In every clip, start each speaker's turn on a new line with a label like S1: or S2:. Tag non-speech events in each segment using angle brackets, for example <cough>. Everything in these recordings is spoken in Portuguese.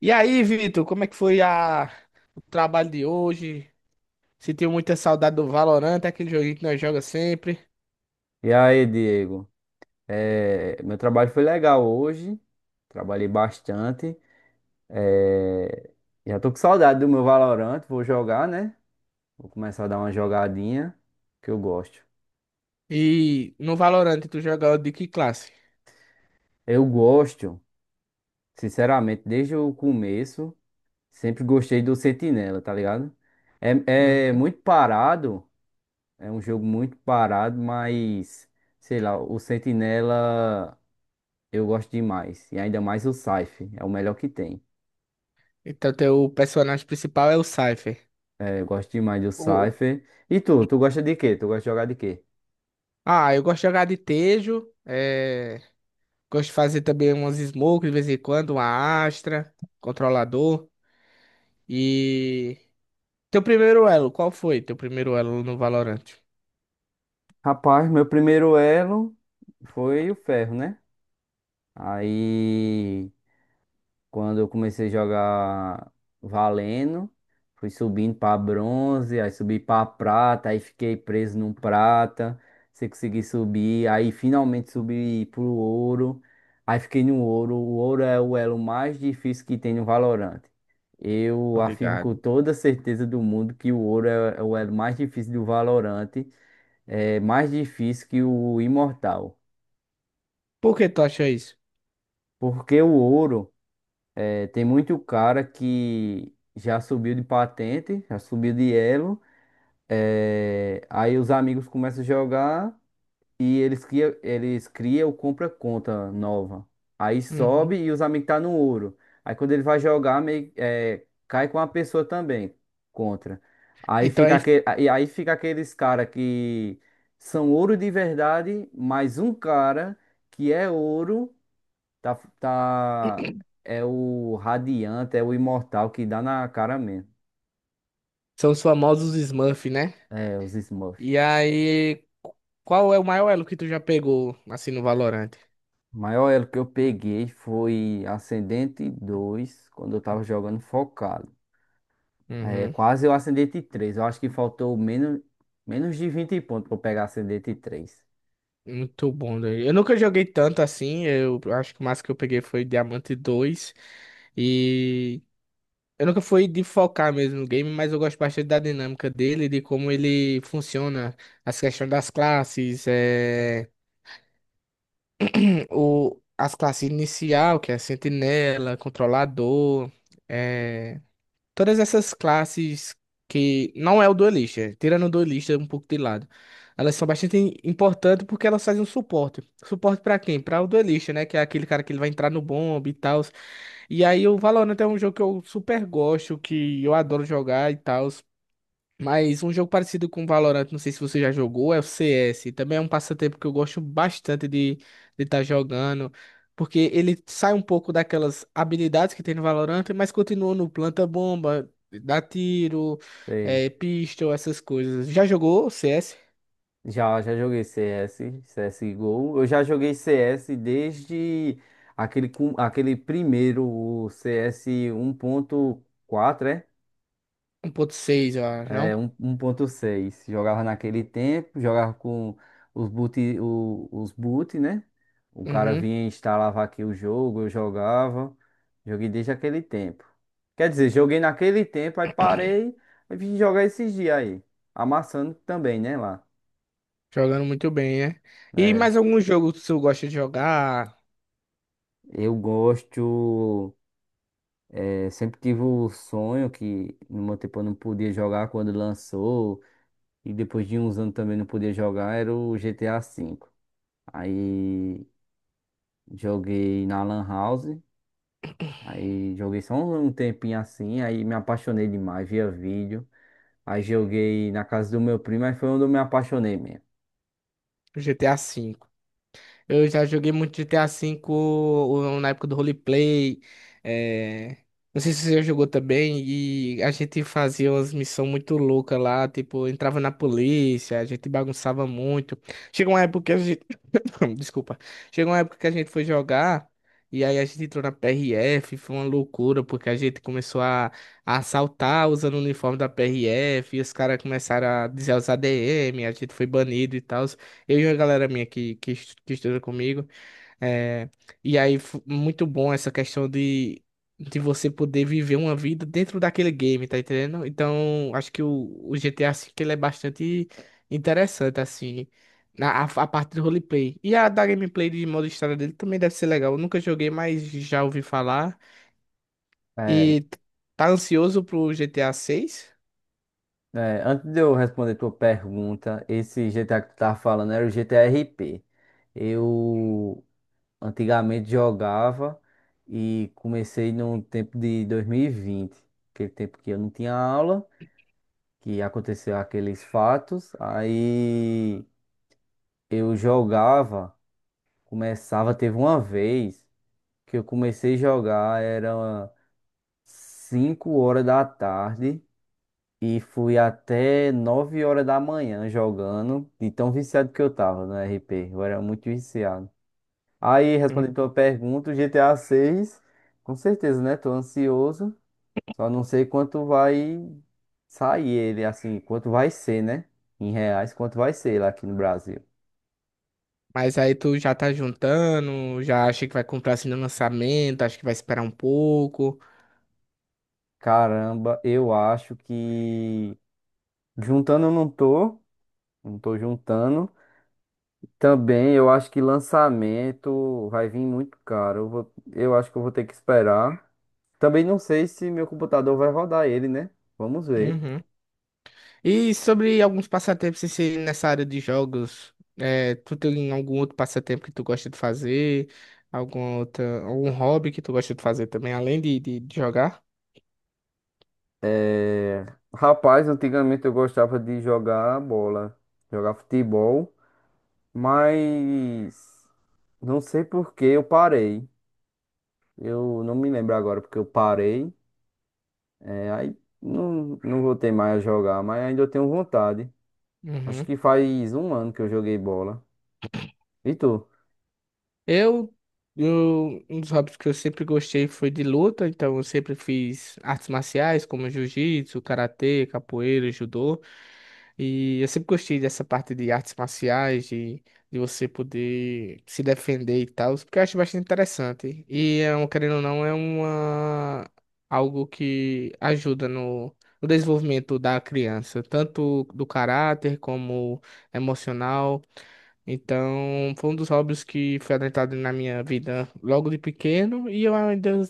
S1: E aí, Vitor, como é que foi o trabalho de hoje? Sentiu muita saudade do Valorant, aquele joguinho que nós jogamos sempre.
S2: E aí, Diego? É, meu trabalho foi legal hoje. Trabalhei bastante. É, já tô com saudade do meu Valorant. Vou jogar, né? Vou começar a dar uma jogadinha que eu gosto.
S1: E no Valorant, tu joga de que classe?
S2: Eu gosto, sinceramente, desde o começo, sempre gostei do Sentinela, tá ligado? É, é
S1: Uhum.
S2: muito parado. É um jogo muito parado, mas sei lá, o Sentinela eu gosto demais. E ainda mais o Scythe, é o melhor que tem.
S1: Então, teu personagem principal é o Cypher.
S2: É, eu gosto demais do
S1: O-
S2: Cypher. E tu gosta de quê? Tu gosta de jogar de quê?
S1: Ah, eu gosto de jogar de Tejo. Gosto de fazer também umas smokes de vez em quando, uma Astra, controlador. E. Teu primeiro elo, qual foi teu primeiro elo no Valorant?
S2: Rapaz, meu primeiro elo foi o ferro, né? Aí. Quando eu comecei a jogar valendo, fui subindo para bronze, aí subi para prata, aí fiquei preso no prata, se consegui subir, aí finalmente subi pro ouro, aí fiquei no ouro. O ouro é o elo mais difícil que tem no Valorant. Eu afirmo com
S1: Obrigado.
S2: toda certeza do mundo que o ouro é o elo mais difícil do Valorant, é mais difícil que o imortal,
S1: Por que tu acha isso?
S2: porque o ouro é, tem muito cara que já subiu de patente, já subiu de elo. É, aí os amigos começam a jogar e eles criam ou compra conta nova. Aí
S1: Uhum.
S2: sobe e os amigos tá no ouro. Aí quando ele vai jogar, meio, é, cai com a pessoa também contra. Aí
S1: Então,
S2: fica
S1: aí.
S2: aquele, aí fica aqueles cara que são ouro de verdade, mais um cara que é ouro. Tá, tá, é o Radiante, é o Imortal que dá na cara mesmo.
S1: São os famosos Smurf, né?
S2: É, os Smurfs.
S1: E aí, qual é o maior elo que tu já pegou, assim, no Valorant?
S2: O maior elo que eu peguei foi Ascendente 2 quando eu tava jogando focado. É,
S1: Uhum.
S2: quase eu Ascendente três. Eu acho que faltou menos de 20 pontos pra eu pegar Ascendente três.
S1: Muito bom, daí. Eu nunca joguei tanto assim. Eu acho que o máximo que eu peguei foi Diamante 2. E eu nunca fui de focar mesmo no game, mas eu gosto bastante da dinâmica dele, de como ele funciona, as questões das classes, <clears throat> as classes inicial, que é sentinela, controlador. é, Todas essas classes que não é o duelista, tirando o duelista um pouco de lado, elas são bastante importantes porque elas fazem um suporte. Suporte pra quem? Pra o duelista, né? Que é aquele cara que ele vai entrar no bomb e tal. E aí o Valorant é um jogo que eu super gosto, que eu adoro jogar e tal. Mas um jogo parecido com Valorant, não sei se você já jogou, é o CS. Também é um passatempo que eu gosto bastante de estar jogando, porque ele sai um pouco daquelas habilidades que tem no Valorant, mas continua no planta-bomba, dá tiro,
S2: Sei.
S1: é, pistol, essas coisas. Já jogou o CS
S2: Já joguei CS, CSGO. Eu já joguei CS desde aquele, aquele primeiro, o CS quatro é?
S1: 1.6, eu acho, não?
S2: É, 1.6. Jogava naquele tempo, jogava com os boot, os boot, né? O cara
S1: Uhum.
S2: vinha e instalava aqui o jogo, eu jogava. Joguei desde aquele tempo. Quer dizer, joguei naquele tempo, aí parei e vim jogar esses dias aí. Amassando também, né, lá.
S1: Jogando muito bem, né? E
S2: É,
S1: mais algum jogo que você gosta de jogar?
S2: eu gosto. É, sempre tive o sonho que no meu tempo eu não podia jogar quando lançou. E depois de uns anos também não podia jogar, era o GTA 5. Aí joguei na Lan House. Aí joguei só um tempinho assim. Aí me apaixonei demais, via vídeo. Aí joguei na casa do meu primo. Aí foi onde eu me apaixonei mesmo.
S1: GTA V. Eu já joguei muito GTA V na época do roleplay. é, Não sei se você já jogou também. E a gente fazia umas missões muito loucas lá. Tipo, entrava na polícia, a gente bagunçava muito. Chegou uma época que a gente. <coughs> Desculpa. Chegou uma época que a gente foi jogar. E aí a gente entrou na PRF, foi uma loucura, porque a gente começou a assaltar usando o uniforme da PRF, e os caras começaram a dizer os ADM, a gente foi banido e tal. Eu e a galera minha que estuda comigo. É, e aí, muito bom essa questão de você poder viver uma vida dentro daquele game, tá entendendo? Então, acho que o GTA V ele é bastante interessante, assim, a parte do roleplay. E a da gameplay de modo história dele também deve ser legal. Eu nunca joguei, mas já ouvi falar.
S2: É,
S1: E tá ansioso pro GTA VI?
S2: é, antes de eu responder tua pergunta, esse GTA que tu tava falando era o GTA RP. Eu antigamente jogava e comecei no tempo de 2020. Aquele tempo que eu não tinha aula, que aconteceu aqueles fatos. Aí eu jogava. Começava, teve uma vez que eu comecei a jogar, era 5 horas da tarde e fui até 9 horas da manhã jogando, de tão viciado que eu tava no RP, eu era muito viciado. Aí, respondendo tua pergunta, o GTA 6, com certeza, né? Tô ansioso, só não sei quanto vai sair ele, assim, quanto vai ser, né? Em reais, quanto vai ser lá aqui no Brasil.
S1: Mas aí tu já tá juntando, já acha que vai comprar assim no lançamento, acha que vai esperar um pouco.
S2: Caramba, eu acho que juntando eu não tô. Não tô juntando. Também eu acho que lançamento vai vir muito caro. Eu vou, eu acho que eu vou ter que esperar. Também não sei se meu computador vai rodar ele, né? Vamos ver.
S1: Uhum. E sobre alguns passatempos assim, nessa área de jogos, é, tu tem algum outro passatempo que tu gosta de fazer? Algum outro, algum hobby que tu gosta de fazer também, além de jogar?
S2: É... Rapaz, antigamente eu gostava de jogar bola, jogar futebol, mas não sei por que eu parei. Eu não me lembro agora porque eu parei. É, aí não, não voltei mais a jogar, mas ainda eu tenho vontade. Acho
S1: Uhum.
S2: que faz um ano que eu joguei bola. E tu?
S1: Eu, eu, um dos hobbies que eu sempre gostei foi de luta, então eu sempre fiz artes marciais como jiu-jitsu, karatê, capoeira, judô. E eu sempre gostei dessa parte de artes marciais, de você poder se defender e tal, porque eu acho bastante interessante. E, é um- querendo ou não, é algo que ajuda no desenvolvimento da criança, tanto do caráter como emocional. Então, foi um dos hobbies que foi adentrado na minha vida logo de pequeno e eu ainda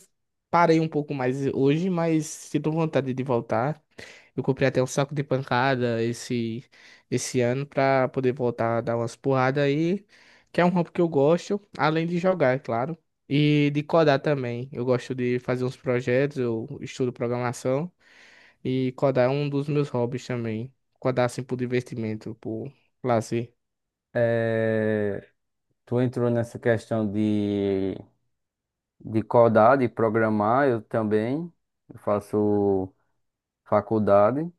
S1: parei um pouco mais hoje, mas sinto vontade de voltar. Eu comprei até um saco de pancada esse ano para poder voltar a dar umas porradas aí, que é um hobby que eu gosto, além de jogar, é claro, e de codar também. Eu gosto de fazer uns projetos, eu estudo programação e codar é um dos meus hobbies também. Codar assim por divertimento, por lazer.
S2: É, tu entrou nessa questão de codar, de programar, eu também. Eu faço faculdade,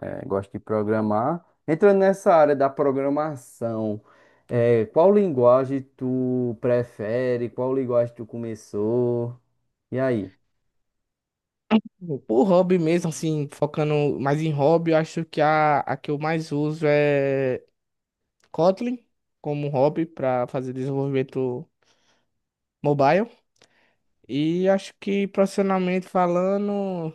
S2: é, gosto de programar. Entrando nessa área da programação, é, qual linguagem tu prefere? Qual linguagem tu começou? E aí?
S1: Por hobby mesmo, assim, focando mais em hobby, eu acho que a que eu mais uso é Kotlin como hobby para fazer desenvolvimento mobile. E acho que profissionalmente falando,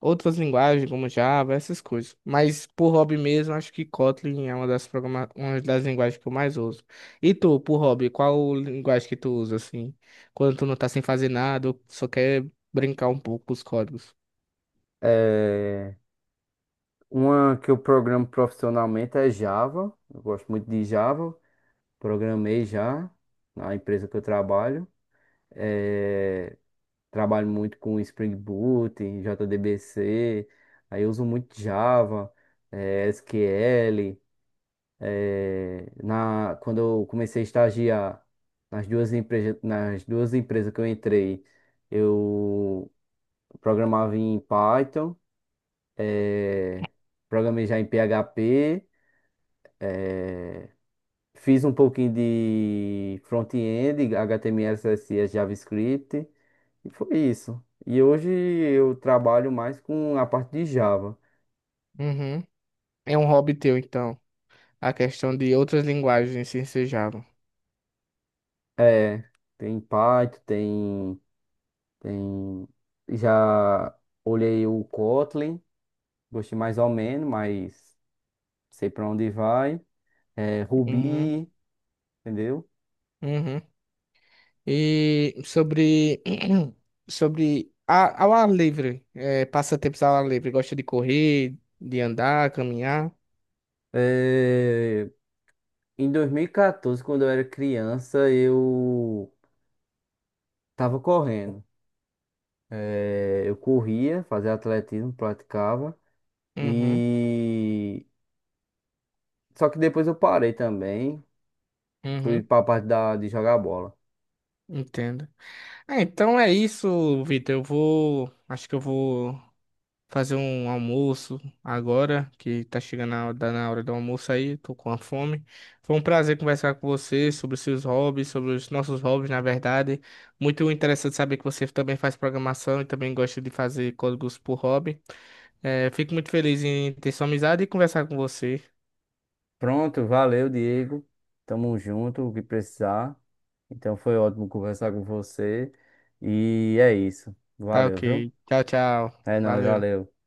S1: outras linguagens como Java, essas coisas. Mas por hobby mesmo, acho que Kotlin é uma das linguagens que eu mais uso. E tu, por hobby, qual linguagem que tu usa, assim, quando tu não tá sem fazer nada, ou só quer brincar um pouco com os códigos?
S2: É, uma que eu programo profissionalmente é Java. Eu gosto muito de Java. Programei já na empresa que eu trabalho. eh, Trabalho muito com Spring Boot, em JDBC, aí eu uso muito Java, SQL. Quando eu comecei a estagiar nas duas empresas que eu entrei, eu programava em Python, eh, programei já em PHP, fiz um pouquinho de front-end, HTML, CSS, JavaScript. E foi isso. E hoje eu trabalho mais com a parte de Java.
S1: Uhum. É um hobby teu, então. A questão de outras linguagens se ensejavam.
S2: É, tem Python, tem... Já olhei o Kotlin, gostei mais ou menos, mas sei para onde vai. É,
S1: Uhum,
S2: Ruby, entendeu?
S1: uhum. E sobre, <clears throat> sobre a, ao ar livre, é, passatempos ao ar livre, gosta de correr, de andar, caminhar.
S2: É, em 2014, quando eu era criança, eu tava correndo. É, eu corria, fazia atletismo, praticava.
S1: Uhum,
S2: E... Só que depois eu parei também. Fui
S1: uhum,
S2: pra parte da, de jogar bola.
S1: entendo. Ah, então é isso, Vitor. Eu vou, acho que eu vou fazer um almoço agora, que tá chegando a hora, tá na hora do almoço aí, tô com a fome. Foi um prazer conversar com você sobre seus hobbies, sobre os nossos hobbies, na verdade. Muito interessante saber que você também faz programação e também gosta de fazer códigos por hobby. É, fico muito feliz em ter sua amizade e conversar com você.
S2: Pronto, valeu, Diego. Tamo junto, o que precisar. Então foi ótimo conversar com você. E é isso.
S1: Tá
S2: Valeu,
S1: ok.
S2: viu?
S1: Tchau, tchau.
S2: É nóis,
S1: Valeu.
S2: valeu.